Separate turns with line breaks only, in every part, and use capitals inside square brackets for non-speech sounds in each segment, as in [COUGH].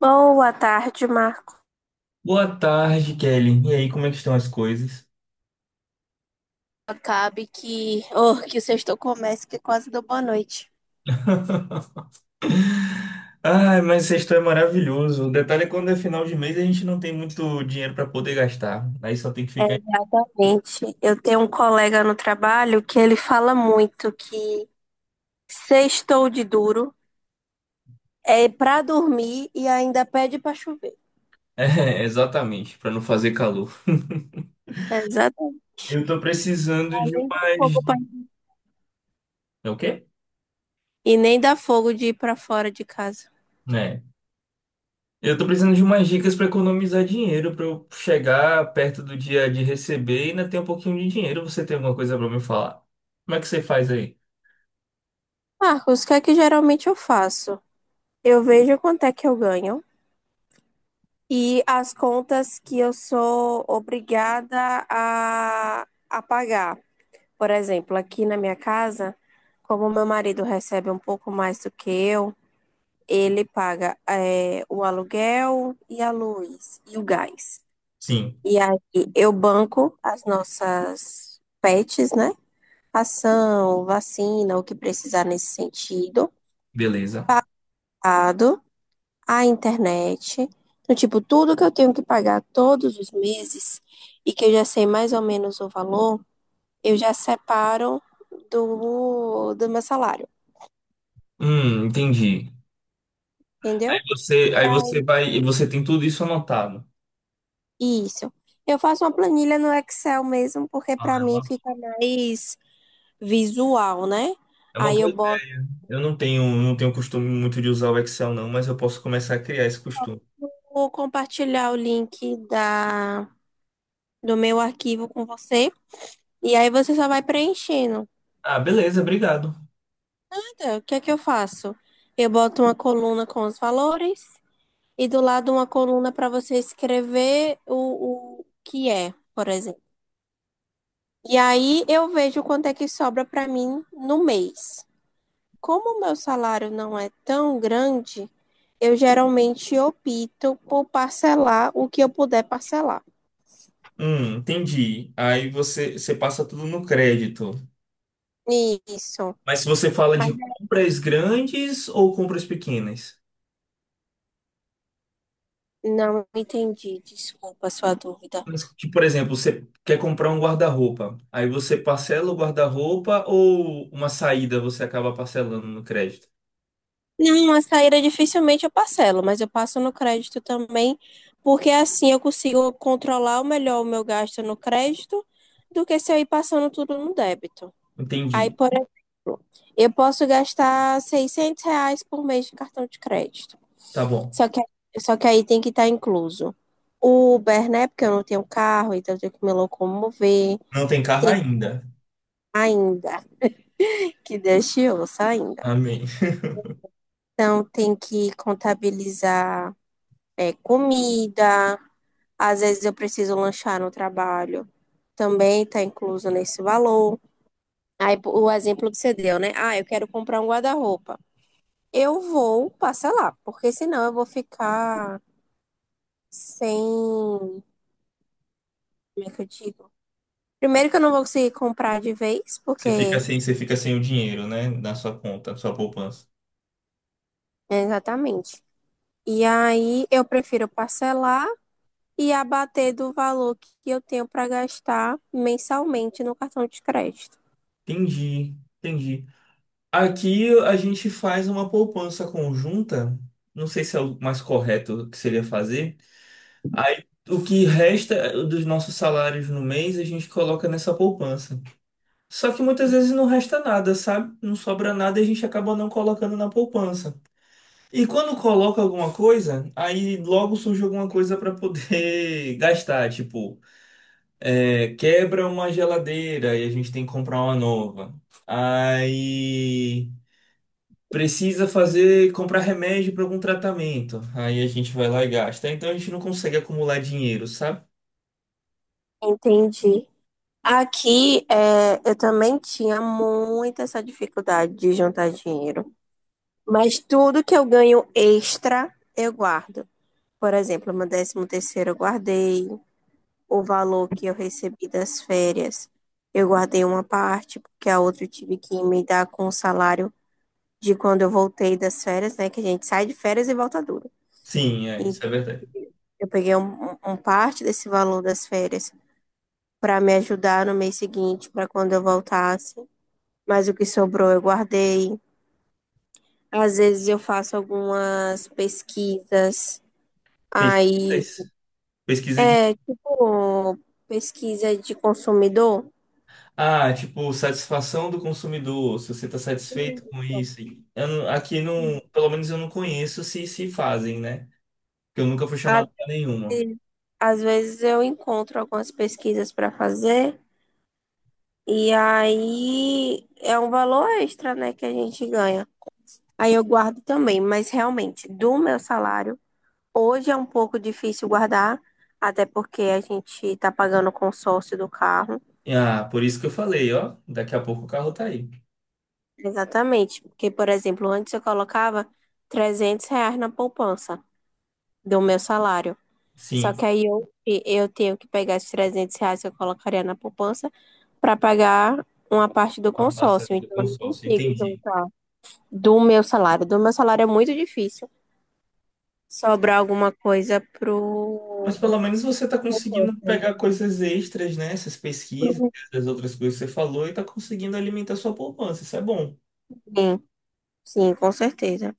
Boa tarde, Marco.
Boa tarde, Kelly. E aí, como é que estão as coisas?
Acabe que, oh, que o sexto comece, que é quase deu boa noite.
Ai, mas sexto é maravilhoso. O detalhe é quando é final de mês a gente não tem muito dinheiro para poder gastar. Aí só tem que ficar. [LAUGHS]
Gente, eu tenho um colega no trabalho que ele fala muito que sextou de duro é pra dormir e ainda pede pra chover.
É, exatamente, para não fazer calor.
É, exatamente.
Eu tô precisando de
Nem dá
umas
fogo pra-
dicas. É o quê?
E nem dá fogo de ir pra fora de casa.
É. Eu tô precisando de umas dicas para economizar dinheiro, para eu chegar perto do dia de receber e ainda ter um pouquinho de dinheiro. Você tem alguma coisa para me falar? Como é que você faz aí?
Marcos, o que é que geralmente eu faço? Eu vejo quanto é que eu ganho e as contas que eu sou obrigada a pagar. Por exemplo, aqui na minha casa, como meu marido recebe um pouco mais do que eu, ele paga o aluguel e a luz e o gás.
Sim,
E aí eu banco as nossas pets, né? Ação, vacina, o que precisar nesse sentido,
beleza.
dado, a internet. Então, tipo, tudo que eu tenho que pagar todos os meses e que eu já sei mais ou menos o valor, eu já separo do meu salário,
Entendi. Aí
entendeu?
você, aí você vai e você tem tudo isso anotado.
Isso. Eu faço uma planilha no Excel mesmo, porque
Ah,
para
é
mim
uma,
fica mais visual, né?
é uma
Aí
boa
eu
ideia.
boto,
Eu não tenho costume muito de usar o Excel, não, mas eu posso começar a criar esse costume.
vou compartilhar o link do meu arquivo com você, e aí você só vai preenchendo.
Ah, beleza, obrigado.
Então, o que é que eu faço? Eu boto uma coluna com os valores, e do lado uma coluna para você escrever o que é, por exemplo. E aí eu vejo quanto é que sobra para mim no mês. Como o meu salário não é tão grande, eu geralmente opto por parcelar o que eu puder parcelar.
Entendi. Aí você passa tudo no crédito.
Isso.
Mas se você fala
Mas
de compras grandes ou compras pequenas?
não entendi, desculpa a sua dúvida.
Mas, tipo, por exemplo, você quer comprar um guarda-roupa. Aí você parcela o guarda-roupa ou uma saída você acaba parcelando no crédito?
Não, a saída dificilmente eu parcelo, mas eu passo no crédito também, porque assim eu consigo controlar melhor o meu gasto no crédito do que se eu ir passando tudo no débito. Aí,
Entendi.
por exemplo, eu posso gastar R$ 600 por mês de cartão de crédito.
Tá bom.
Só que, só que aí tem que estar incluso o Uber, né? Porque eu não tenho carro, então eu tenho que me locomover.
Não tem carro
Tem
ainda.
ainda, que Deus te ouça ainda.
Amém.
Então, tem que contabilizar comida. Às vezes eu preciso lanchar no trabalho. Também está incluso nesse valor. Aí, o exemplo que você deu, né? Ah, eu quero comprar um guarda-roupa. Eu vou parcelar, porque senão eu vou ficar sem. Como é que eu digo? Primeiro que eu não vou conseguir comprar de vez,
Você fica
porque.
sem, você fica sem o dinheiro, né? Na sua conta, na sua poupança.
Né, exatamente. E aí eu prefiro parcelar e abater do valor que eu tenho para gastar mensalmente no cartão de crédito.
Entendi, entendi. Aqui a gente faz uma poupança conjunta. Não sei se é o mais correto que seria fazer. Aí o que resta dos nossos salários no mês a gente coloca nessa poupança. Só que muitas vezes não resta nada, sabe? Não sobra nada e a gente acaba não colocando na poupança. E quando coloca alguma coisa, aí logo surge alguma coisa para poder [LAUGHS] gastar, tipo. É, quebra uma geladeira e a gente tem que comprar uma nova. Aí precisa fazer, comprar remédio para algum tratamento. Aí a gente vai lá e gasta. Então a gente não consegue acumular dinheiro, sabe?
Entendi. Eu também tinha muita essa dificuldade de juntar dinheiro, mas tudo que eu ganho extra eu guardo. Por exemplo, meu 13º eu guardei o valor que eu recebi das férias. Eu guardei uma parte, porque a outra eu tive que me dar com o salário de quando eu voltei das férias, né? Que a gente sai de férias e volta duro.
Sim, é,
E
isso é verdade.
eu peguei um parte desse valor das férias para me ajudar no mês seguinte, para quando eu voltasse. Mas o que sobrou eu guardei. Às vezes eu faço algumas pesquisas, aí
Pesquisas, pesquisa de.
é tipo pesquisa de consumidor.
Ah, tipo, satisfação do consumidor, se você está
Sim,
satisfeito com isso. Eu não- Aqui não,
sim.
pelo menos eu não conheço se fazem, né? Porque eu nunca fui
Às
chamado para nenhuma.
ve- às vezes eu encontro algumas pesquisas para fazer e aí é um valor extra, né, que a gente ganha. Aí eu guardo também, mas realmente do meu salário, hoje é um pouco difícil guardar, até porque a gente está pagando o consórcio do carro.
Ah, por isso que eu falei, ó, daqui a pouco o carro tá aí.
Exatamente, porque, por exemplo, antes eu colocava R$ 300 na poupança do meu salário. Só
Sim.
que aí eu tenho que pegar esses R$ 300 que eu colocaria na poupança para pagar uma parte do
Ah,
consórcio.
passando do
Então, eu não
consórcio,
consigo
entendi.
juntar do meu salário. Do meu salário é muito difícil sobrar alguma coisa
Mas
pro.
pelo menos você está conseguindo pegar coisas extras, né? Essas pesquisas,
pro
as outras coisas que você falou, e está conseguindo alimentar sua poupança. Isso é bom.
Enem. Sim, com certeza.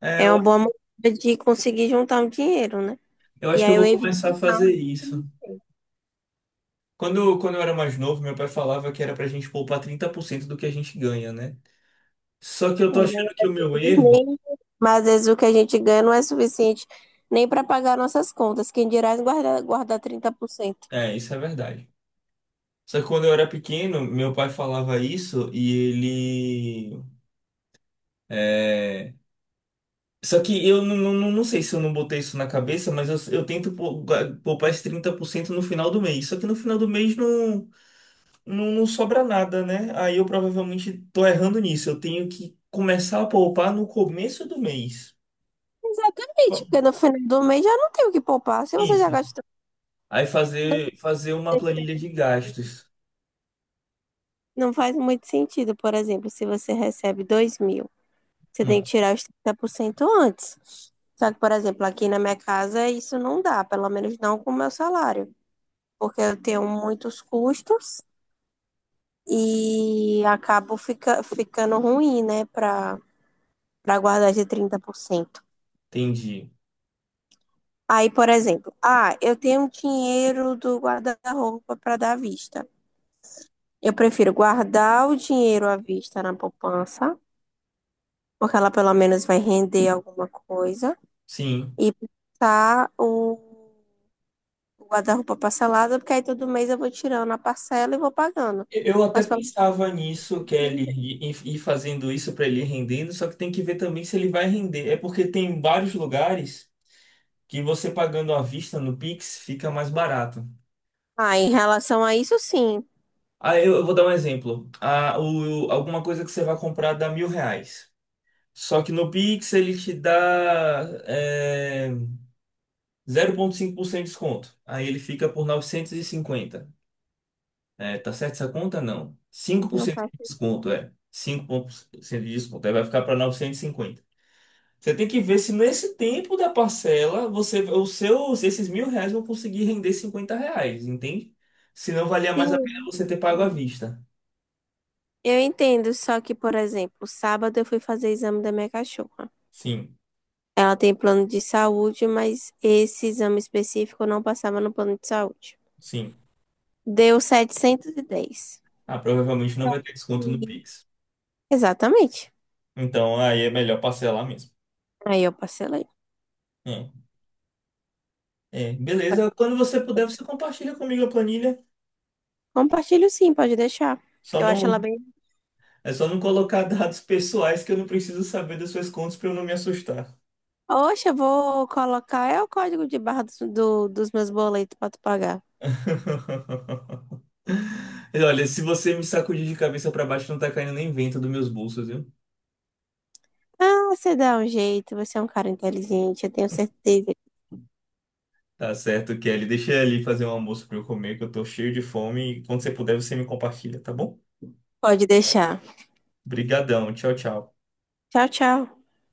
É,
É
eu,
uma boa maneira de conseguir juntar um dinheiro, né?
eu
E
acho que eu
aí eu
vou
evito.
começar a fazer isso. Quando eu era mais novo, meu pai falava que era para a gente poupar 30% do que a gente ganha, né? Só que
é,
eu tô
[LAUGHS] mas
achando que o meu
eu
erro.
nem- mas às vezes o que a gente ganha não é suficiente nem para pagar nossas contas. Quem dirá guardar cento.
É, isso é verdade. Só que quando eu era pequeno, meu pai falava isso e ele. É. Só que eu não sei se eu não botei isso na cabeça, mas eu tento poupar esse 30% no final do mês. Só que no final do mês não sobra nada, né? Aí eu provavelmente tô errando nisso. Eu tenho que começar a poupar no começo do mês.
Exatamente,
Fa-
porque no final do mês já não tem o que poupar. Se você já
Isso.
gastou.
Aí fazer uma planilha de gastos.
Não faz muito sentido, por exemplo, se você recebe 2.000, você tem
Hum,
que tirar os 30% antes. Só que, por exemplo, aqui na minha casa isso não dá, pelo menos não com o meu salário, porque eu tenho muitos custos e acabo ficando ruim, né, para guardar de 30%.
entendi.
Aí, por exemplo, ah, eu tenho um dinheiro do guarda-roupa para dar à vista. Eu prefiro guardar o dinheiro à vista na poupança, porque ela pelo menos vai render alguma coisa
Sim.
e passar o guarda-roupa parcelado, porque aí todo mês eu vou tirando a parcela e vou pagando.
Eu até
Mas pelo menos-
pensava nisso, Kelly,
eu tenho.
e fazendo isso para ele ir rendendo, só que tem que ver também se ele vai render. É porque tem vários lugares que você pagando à vista no Pix fica mais barato.
Ah, em relação a isso, sim.
Ah, eu vou dar um exemplo. Ah, alguma coisa que você vai comprar dá R$ 1.000. Só que no Pix ele te dá 0,5% de desconto. Aí ele fica por 950. É, tá certo essa conta? Não. Cinco por
Não
cento de
faço
desconto, é. 5% de desconto. Aí vai ficar para 950. Você tem que ver se nesse tempo da parcela você, o seu, se esses R$ 1.000 vão conseguir render R$ 50, entende? Se não valia mais a pena
sim.
você ter pago à vista.
Eu entendo, só que, por exemplo, sábado eu fui fazer exame da minha cachorra.
Sim,
Ela tem plano de saúde, mas esse exame específico não passava no plano de saúde.
sim.
Deu 710.
Ah, provavelmente não vai ter desconto no
Sim.
Pix.
Exatamente.
Então aí é melhor parcelar mesmo.
Aí eu parcelei.
É. É, beleza. Quando você puder, você compartilha comigo a planilha.
Compartilho sim, pode deixar.
Só
Eu acho ela
não,
bem.
é só não colocar [LAUGHS] dados pessoais que eu não preciso saber das suas contas para eu não me assustar.
Oxe, eu vou colocar. É o código de barra dos meus boletos pra tu pagar.
[LAUGHS] E olha, se você me sacudir de cabeça pra baixo, não tá caindo nem vento dos meus bolsos, viu?
Ah, você dá um jeito. Você é um cara inteligente, eu tenho certeza.
Tá certo, Kelly. Deixa eu ali fazer um almoço pra eu comer, que eu tô cheio de fome. E quando você puder, você me compartilha, tá bom?
Pode deixar.
Brigadão. Tchau, tchau.
Tchau, tchau.